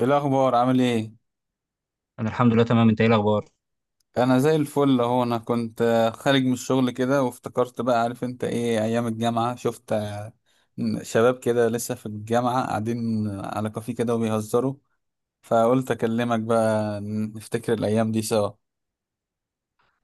ايه الاخبار؟ عامل ايه؟ انا الحمد لله تمام. انت ايه الاخبار؟ انا زي الفل اهو. انا كنت خارج من الشغل كده، وافتكرت بقى عارف انت ايه ايام الجامعه. شفت شباب كده لسه في الجامعه قاعدين على كافيه كده وبيهزروا، فقلت اكلمك بقى نفتكر الايام دي سوا.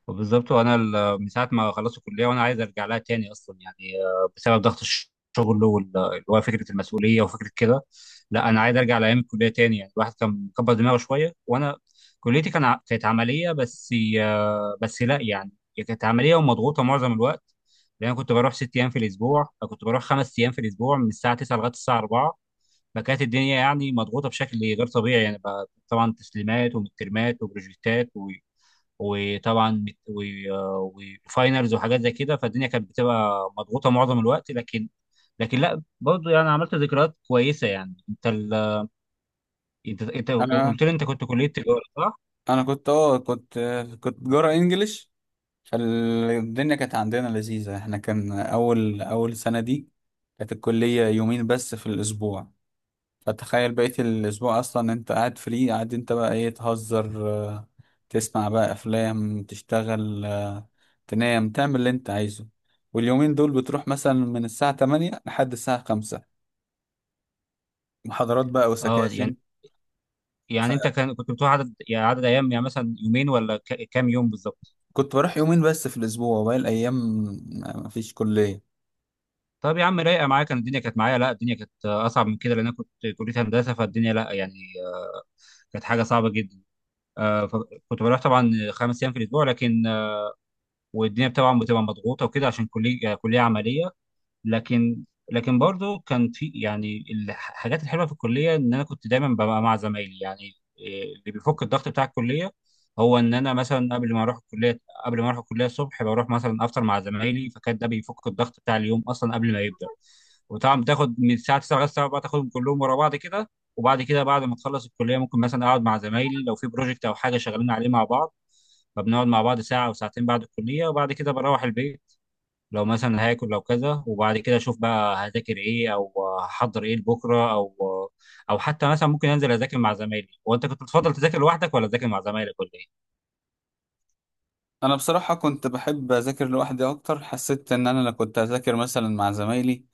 وبالظبط. من ساعه ما خلصت الكليه وانا عايز ارجع لها تاني، اصلا بسبب ضغط الشغل اللي هو فكره المسؤوليه وفكره كده. لا، انا عايز ارجع لايام الكليه تاني، يعني الواحد كان مكبر دماغه شويه. وانا كليتي كانت عمليه بس. بس لا يعني، هي كانت عمليه ومضغوطه معظم الوقت، لان انا كنت بروح ست ايام في الاسبوع، كنت بروح خمس ايام في الاسبوع من الساعه 9 لغايه الساعه 4. فكانت الدنيا يعني مضغوطه بشكل غير طبيعي، يعني بقى طبعا تسليمات ومترمات وبروجكتات، وطبعا وفاينلز وحاجات زي كده. فالدنيا كانت بتبقى مضغوطه معظم الوقت، لكن لا برضه يعني عملت ذكريات كويسه. يعني انت انا قلت لي، انت كنت كليه تجاره صح؟ انا كنت كنت كنت جرا انجليش، فالدنيا كانت عندنا لذيذه. احنا كان اول سنه دي كانت الكليه يومين بس في الاسبوع، فتخيل بقية الأسبوع أصلا أنت قاعد فري، قاعد أنت بقى إيه، تهزر تسمع بقى أفلام، تشتغل، تنام، تعمل اللي أنت عايزه. واليومين دول بتروح مثلا من الساعة 8 لحد الساعة 5 محاضرات بقى اه وسكاشن. يعني، يعني انت كنت بتروح عدد، يعني عدد ايام، يعني مثلا يومين ولا كام يوم بالظبط؟ فكنت بروح يومين بس في الأسبوع، وباقي الأيام مفيش كلية. طب يا عم، رايقه معايا كان، الدنيا كانت معايا. لا، الدنيا كانت اصعب من كده، لان انا كنت كليه هندسه، فالدنيا لا يعني، كانت حاجه صعبه جدا. فكنت بروح طبعا خمس ايام في الاسبوع لكن، والدنيا طبعا بتبقى مضغوطه وكده عشان كليه عمليه. لكن لكن برضو كان في يعني الحاجات الحلوه في الكليه، ان انا كنت دايما ببقى مع زمايلي. يعني اللي بيفك الضغط بتاع الكليه، هو ان انا مثلا قبل ما اروح الكليه، قبل ما اروح الكليه الصبح بروح مثلا افطر مع زمايلي، فكان ده بيفك الضغط بتاع اليوم اصلا قبل ما يبدا. وطبعا بتاخد من الساعه 9 لغايه الساعه 4، تاخدهم كلهم ورا بعض كده. وبعد كده بعد ما تخلص الكليه، ممكن مثلا اقعد مع زمايلي لو في بروجكت او حاجه شغالين عليه مع بعض. فبنقعد مع بعض ساعة أو ساعتين بعد الكلية، وبعد كده بروح البيت، لو مثلا هاكل لو كذا. وبعد كده أشوف بقى هذاكر إيه أو هحضر إيه لبكرة، أو أو حتى مثلا ممكن أنزل أذاكر مع زمايلي. وأنت كنت بتفضل تذاكر لوحدك ولا تذاكر مع زمايلك ولا إيه؟ انا بصراحه كنت بحب اذاكر لوحدي اكتر. حسيت ان انا لو كنت اذاكر مثلا مع زمايلي،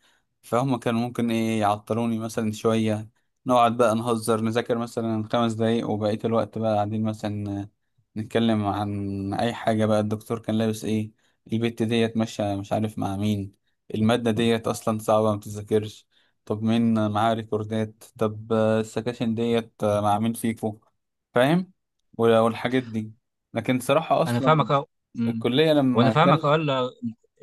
فهم كانوا ممكن ايه يعطلوني مثلا شويه. نقعد بقى نهزر، نذاكر مثلا خمس دقايق وبقيه الوقت بقى قاعدين مثلا نتكلم عن اي حاجه بقى. الدكتور كان لابس ايه، البت ديت ماشيه مش عارف مع مين، الماده ديت اصلا صعبه ما بتذاكرش، طب مين معاه ريكوردات، طب السكاشن ديت مع مين فيكو، فاهم، والحاجات دي. لكن صراحة أنا أصلا فاهمك أه. أمم. الكلية وأنا لما فاهمك كان، أه.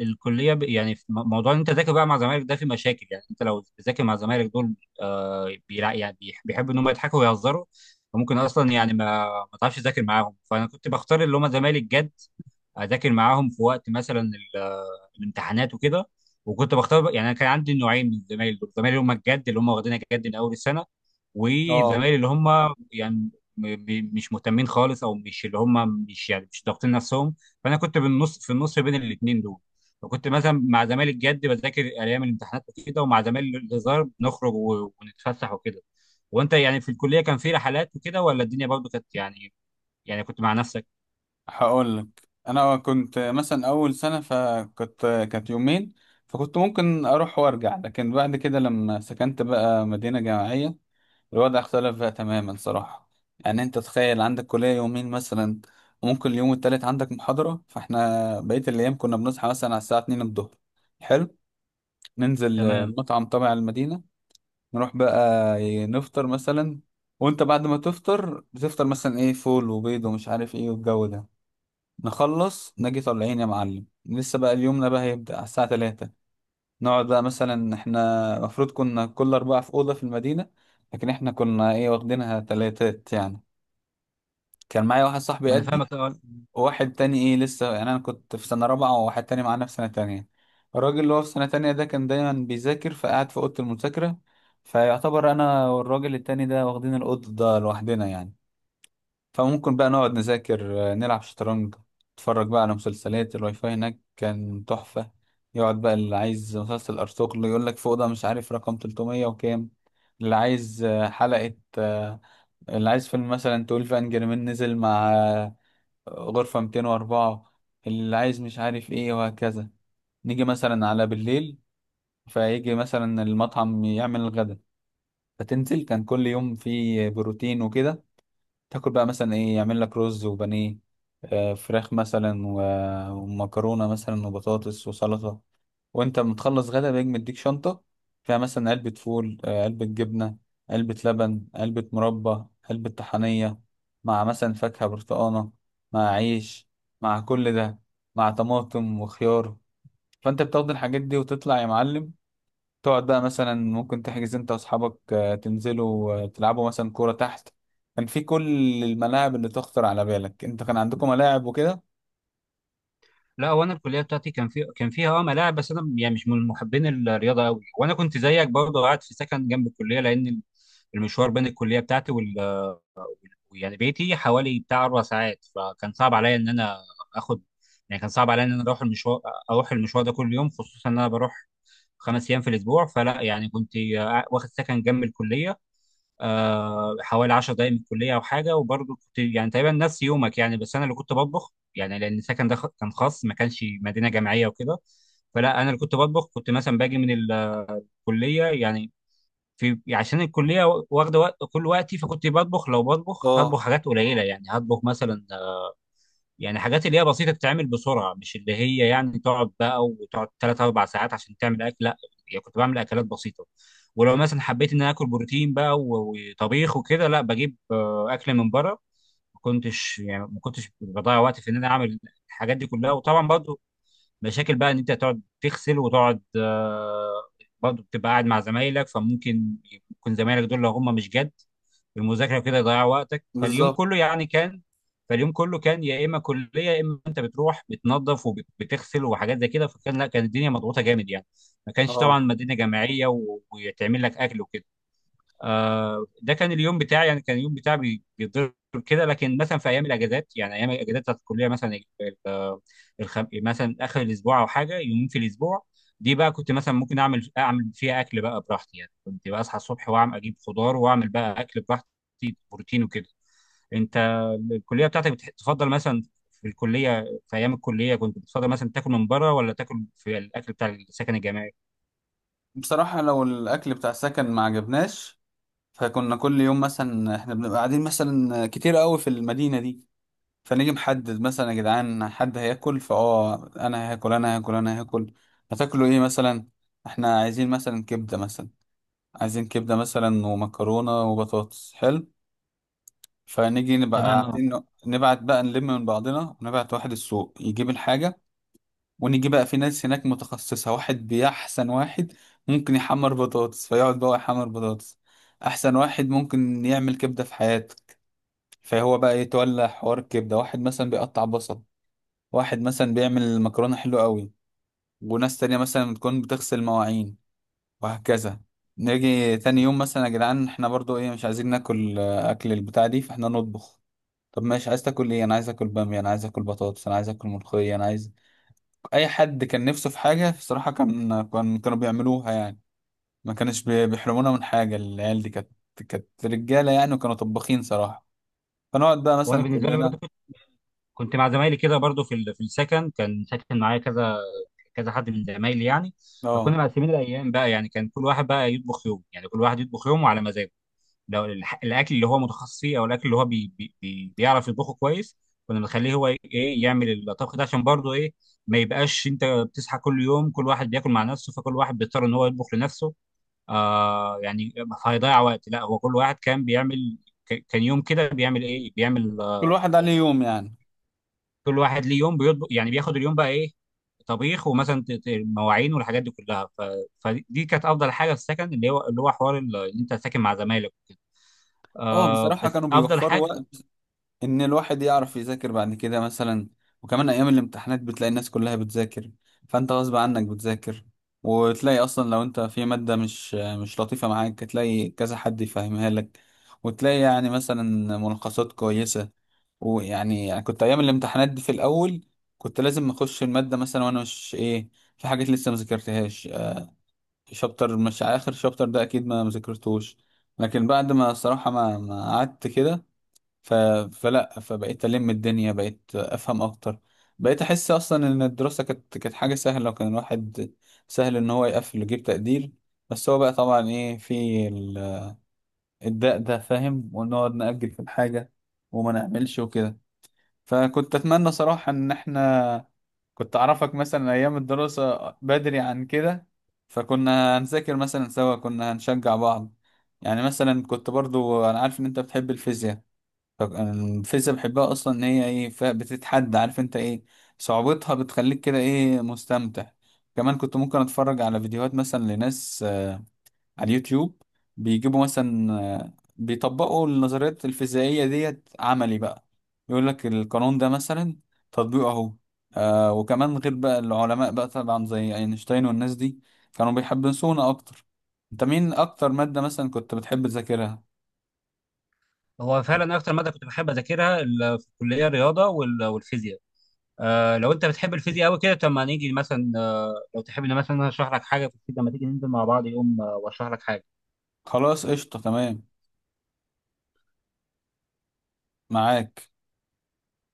يعني في موضوع ان انت تذاكر بقى مع زمايلك، ده في مشاكل. يعني انت لو بتذاكر مع زمايلك دول، آه بيلع، يعني بيحبوا ان هم يضحكوا ويهزروا، فممكن اصلا يعني ما تعرفش تذاكر معاهم. فانا كنت بختار اللي هم زمايلي الجد، اذاكر معاهم في وقت مثلا الامتحانات وكده. يعني انا كان عندي نوعين من الزمايل دول، زمايلي اللي هم الجد اللي هم واخدينها جد من اول السنه، اه، وزمايلي اللي هم يعني مش مهتمين خالص، او مش اللي هم مش يعني مش ضاغطين نفسهم. فانا كنت بالنص في النص بين الاثنين دول. فكنت مثلا مع زمايلي الجد بذاكر ايام الامتحانات وكده، ومع زمايلي الهزار نخرج ونتفسح وكده. وانت يعني في الكليه كان في رحلات وكده ولا الدنيا برضو كانت يعني، يعني كنت مع نفسك؟ هقول لك. انا كنت مثلا اول سنة فكنت، كانت يومين، فكنت ممكن اروح وارجع. لكن بعد كده لما سكنت بقى مدينة جامعية، الوضع اختلف بقى تماما صراحة. يعني انت تخيل عندك كلية يومين مثلا، وممكن اليوم التالت عندك محاضرة، فاحنا بقية الايام كنا بنصحى مثلا على الساعة 2 الظهر. حلو، ننزل تمام. المطعم تبع المدينة، نروح بقى نفطر مثلا. وانت بعد ما تفطر، بتفطر مثلا ايه، فول وبيض ومش عارف ايه والجو ده، نخلص نجي طالعين يا معلم. لسه بقى اليومنا بقى هيبدأ على الساعة 3. نقعد بقى مثلا، احنا المفروض كنا كل أربعة في أوضة في المدينة، لكن احنا كنا ايه واخدينها تلاتات يعني. كان معايا واحد صاحبي وانا قدي، فاهمك اه. واحد تاني ايه لسه، يعني انا كنت في سنه رابعه وواحد تاني معانا في سنه تانية. الراجل اللي هو في سنه تانية ده كان دايما بيذاكر، فقعد في اوضه المذاكره، فيعتبر انا والراجل التاني ده واخدين الاوضه ده لوحدنا يعني. فممكن بقى نقعد نذاكر، نلعب شطرنج، نتفرج بقى على مسلسلات. الواي فاي هناك كان تحفه. يقعد بقى اللي عايز مسلسل ارطغرل يقول لك في اوضه مش عارف رقم 300 وكام، اللي عايز آه، حلقه آه، اللي عايز فيلم مثلا 12 انجر مان نزل مع غرفة 204، اللي عايز مش عارف ايه، وهكذا. نيجي مثلا على بالليل، فيجي مثلا المطعم يعمل الغدا، فتنزل. كان كل يوم في بروتين وكده. تاكل بقى مثلا ايه، يعمل لك رز وبانيه، فراخ مثلا ومكرونة مثلا وبطاطس وسلطة. وانت متخلص غدا بيجي مديك شنطة فيها مثلا علبة فول، علبة جبنة، علبة لبن، علبة مربى، علبة طحنية، مع مثلا فاكهة برتقانة، مع عيش، مع كل ده، مع طماطم وخيار. فانت بتاخد الحاجات دي وتطلع يا معلم، تقعد بقى مثلا ممكن تحجز انت واصحابك تنزلوا تلعبوا مثلا كورة تحت. كان في كل الملاعب اللي تخطر على بالك. انت كان عندكم ملاعب وكده؟ لا، وانا الكليه بتاعتي كان فيها اه ملاعب، بس انا يعني مش من محبين الرياضه قوي. وانا كنت زيك برضو قاعد في سكن جنب الكليه، لان المشوار بين الكليه بتاعتي يعني بيتي حوالي بتاع اربع ساعات، فكان صعب عليا ان انا اخد، يعني كان صعب عليا ان انا اروح المشوار، ده كل يوم، خصوصا ان انا بروح خمس ايام في الاسبوع. فلا يعني كنت واخد سكن جنب الكليه، حوالي 10 دقائق من الكليه او حاجه. وبرضه كنت يعني تقريبا نفس يومك يعني، بس انا اللي كنت بطبخ يعني، لان السكن ده كان خاص، ما كانش مدينه جامعيه وكده. فلا، انا اللي كنت بطبخ. كنت مثلا باجي من الكليه، يعني في عشان الكليه واخده وقت كل وقتي، فكنت بطبخ، لو بطبخ هطبخ اه، حاجات قليله، يعني هطبخ مثلا يعني حاجات اللي هي بسيطة تتعمل بسرعة، مش اللي هي يعني تقعد بقى وتقعد ثلاث أربع ساعات عشان تعمل أكل، لا. يعني كنت بعمل أكلات بسيطة. ولو مثلا حبيت إن أنا آكل بروتين بقى وطبيخ وكده، لا بجيب أكل من بره. ما كنتش يعني ما كنتش بضيع وقت في إن أنا أعمل الحاجات دي كلها. وطبعا برضو مشاكل بقى إن أنت تقعد تغسل وتقعد، برضو بتبقى قاعد مع زمايلك، فممكن يكون زمايلك دول لو هم مش جد المذاكره وكده يضيع وقتك. فاليوم بالظبط. كله يعني كان، فاليوم كله كان يا اما كليه يا اما انت بتروح بتنظف وبتغسل وحاجات زي كده. فكان لا، كانت الدنيا مضغوطه جامد يعني، ما كانش اه، طبعا مدينه جامعيه ويتعمل لك اكل وكده. ده كان اليوم بتاعي، يعني كان اليوم بتاعي بيتضرب كده. لكن مثلا في ايام الاجازات، يعني ايام الاجازات بتاعت الكليه مثلا ال- مثلا اخر الاسبوع او حاجه، يومين في الاسبوع. دي بقى كنت مثلا ممكن اعمل فيها اكل بقى براحتي. يعني كنت بقى اصحى الصبح واعمل، اجيب خضار واعمل بقى اكل براحتي بروتين وكده. انت الكليه بتاعتك تفضل مثلا في الكليه، في ايام الكليه كنت بتفضل مثلا تاكل من بره ولا تاكل في الاكل بتاع السكن الجامعي؟ بصراحة لو الأكل بتاع السكن ما عجبناش، فكنا كل يوم مثلا احنا بنبقى قاعدين مثلا كتير قوي في المدينة دي. فنيجي محدد مثلا، يا جدعان حد هياكل؟ فاه، انا هاكل، انا هاكل، انا هاكل. هتاكلوا ايه مثلا؟ احنا عايزين مثلا كبدة مثلا. عايزين كبدة مثلا ومكرونة وبطاطس. حلو، فنيجي نبقى تمام اه. قاعدين، نبعت بقى، نلم من بعضنا ونبعت واحد السوق يجيب الحاجة. ونيجي بقى في ناس هناك متخصصة، واحد بيحسن واحد ممكن يحمر بطاطس، فيقعد بقى يحمر بطاطس. احسن واحد ممكن يعمل كبدة في حياته، فهو بقى يتولى حوار الكبده. واحد مثلا بيقطع بصل، واحد مثلا بيعمل مكرونه حلوه قوي، وناس تانية مثلا بتكون بتغسل مواعين، وهكذا. نيجي تاني يوم مثلا، يا جدعان احنا برضو ايه مش عايزين ناكل اكل البتاع دي، فاحنا نطبخ. طب ماشي، عايز تاكل ايه؟ انا عايز اكل باميه، انا عايز اكل بطاطس، انا عايز اكل ملوخيه، انا عايز. اي حد كان نفسه في حاجه بصراحه كان كانوا بيعملوها يعني. ما كانش بيحرمونا من حاجه. العيال دي كانت كانت رجاله يعني، وكانوا طباخين صراحه. فنقعد بقى وانا مثلا بالنسبه لي كلنا. برضه كنت مع زمايلي كده برضو في في السكن، كان ساكن معايا كذا كذا حد من زمايلي يعني. اه، فكنا مقسمين الايام بقى، يعني كان كل واحد بقى يطبخ يوم، يعني كل واحد يطبخ يومه على مزاجه. لو الاكل اللي هو متخصص فيه، او الاكل اللي هو بي بي بي بيعرف يطبخه كويس، كنا بنخليه هو ايه يعمل الطبخ ده، عشان برضو ايه ما يبقاش انت بتصحى كل يوم كل واحد بياكل مع نفسه، فكل واحد بيضطر ان هو يطبخ لنفسه، آه يعني، فهيضيع وقت. لا، هو كل واحد كان بيعمل، كان يوم كده بيعمل ايه، بيعمل كل واحد عليه يعني يوم يعني. كل واحد ليه يوم بيطبخ، يعني بياخد اليوم بقى ايه، طبيخ ومثلا مواعين والحاجات دي كلها. فدي كانت افضل حاجه في السكن، اللي هو حوار اللي انت ساكن مع زمايلك وكده. اه، آه بصراحة بس كانوا افضل بيوفروا حاجه. وقت ان الواحد يعرف يذاكر بعد كده مثلا. وكمان ايام الامتحانات بتلاقي الناس كلها بتذاكر، فانت غصب عنك بتذاكر. وتلاقي اصلا لو انت في مادة مش لطيفة معاك، تلاقي كذا حد يفهمها لك. وتلاقي مثلا ملخصات كويسة. ويعني كنت ايام الامتحانات دي في الاول، كنت لازم اخش المادة مثلا وانا مش ايه، في حاجات لسه ما ذاكرتهاش، شابتر مش على اخر شابتر ده اكيد ما مذاكرتوش. لكن بعد ما الصراحه ما قعدت كده، ف... فلا فبقيت الم الدنيا، بقيت افهم اكتر. بقيت احس اصلا ان الدراسه كانت كانت حاجه سهله، وكان الواحد سهل ان هو يقفل ويجيب تقدير. بس هو بقى طبعا ايه في الداء ده فاهم، ونقعد نأجل في الحاجه وما نعملش وكده. فكنت اتمنى صراحه ان احنا كنت اعرفك مثلا ايام الدراسة بدري عن كده، فكنا هنذاكر مثلا سوا، كنا هنشجع بعض. يعني مثلا كنت برضو انا عارف ان انت بتحب الفيزياء. الفيزياء بحبها اصلا ان هي ايه، بتتحدى، عارف انت ايه، صعوبتها بتخليك كده ايه مستمتع. كمان كنت ممكن اتفرج على فيديوهات مثلا لناس، على اليوتيوب بيجيبوا مثلا، بيطبقوا النظريات الفيزيائية ديت عملي بقى، يقول لك القانون ده مثلا تطبيقه اهو. آه، وكمان غير بقى العلماء بقى طبعا زي اينشتاين والناس دي كانوا بيحبسونا اكتر. انت مين اكتر مادة مثلا كنت بتحب تذاكرها؟ هو فعلا اكتر ماده كنت بحب اذاكرها في الكليه الرياضه والفيزياء. آه لو انت بتحب الفيزياء قوي كده، طب ما نيجي مثلا لو تحب إن مثلا أنا اشرح لك حاجه في الفيزياء، لما تيجي ننزل مع بعض يوم واشرح لك حاجه. خلاص، قشطة، تمام، معاك.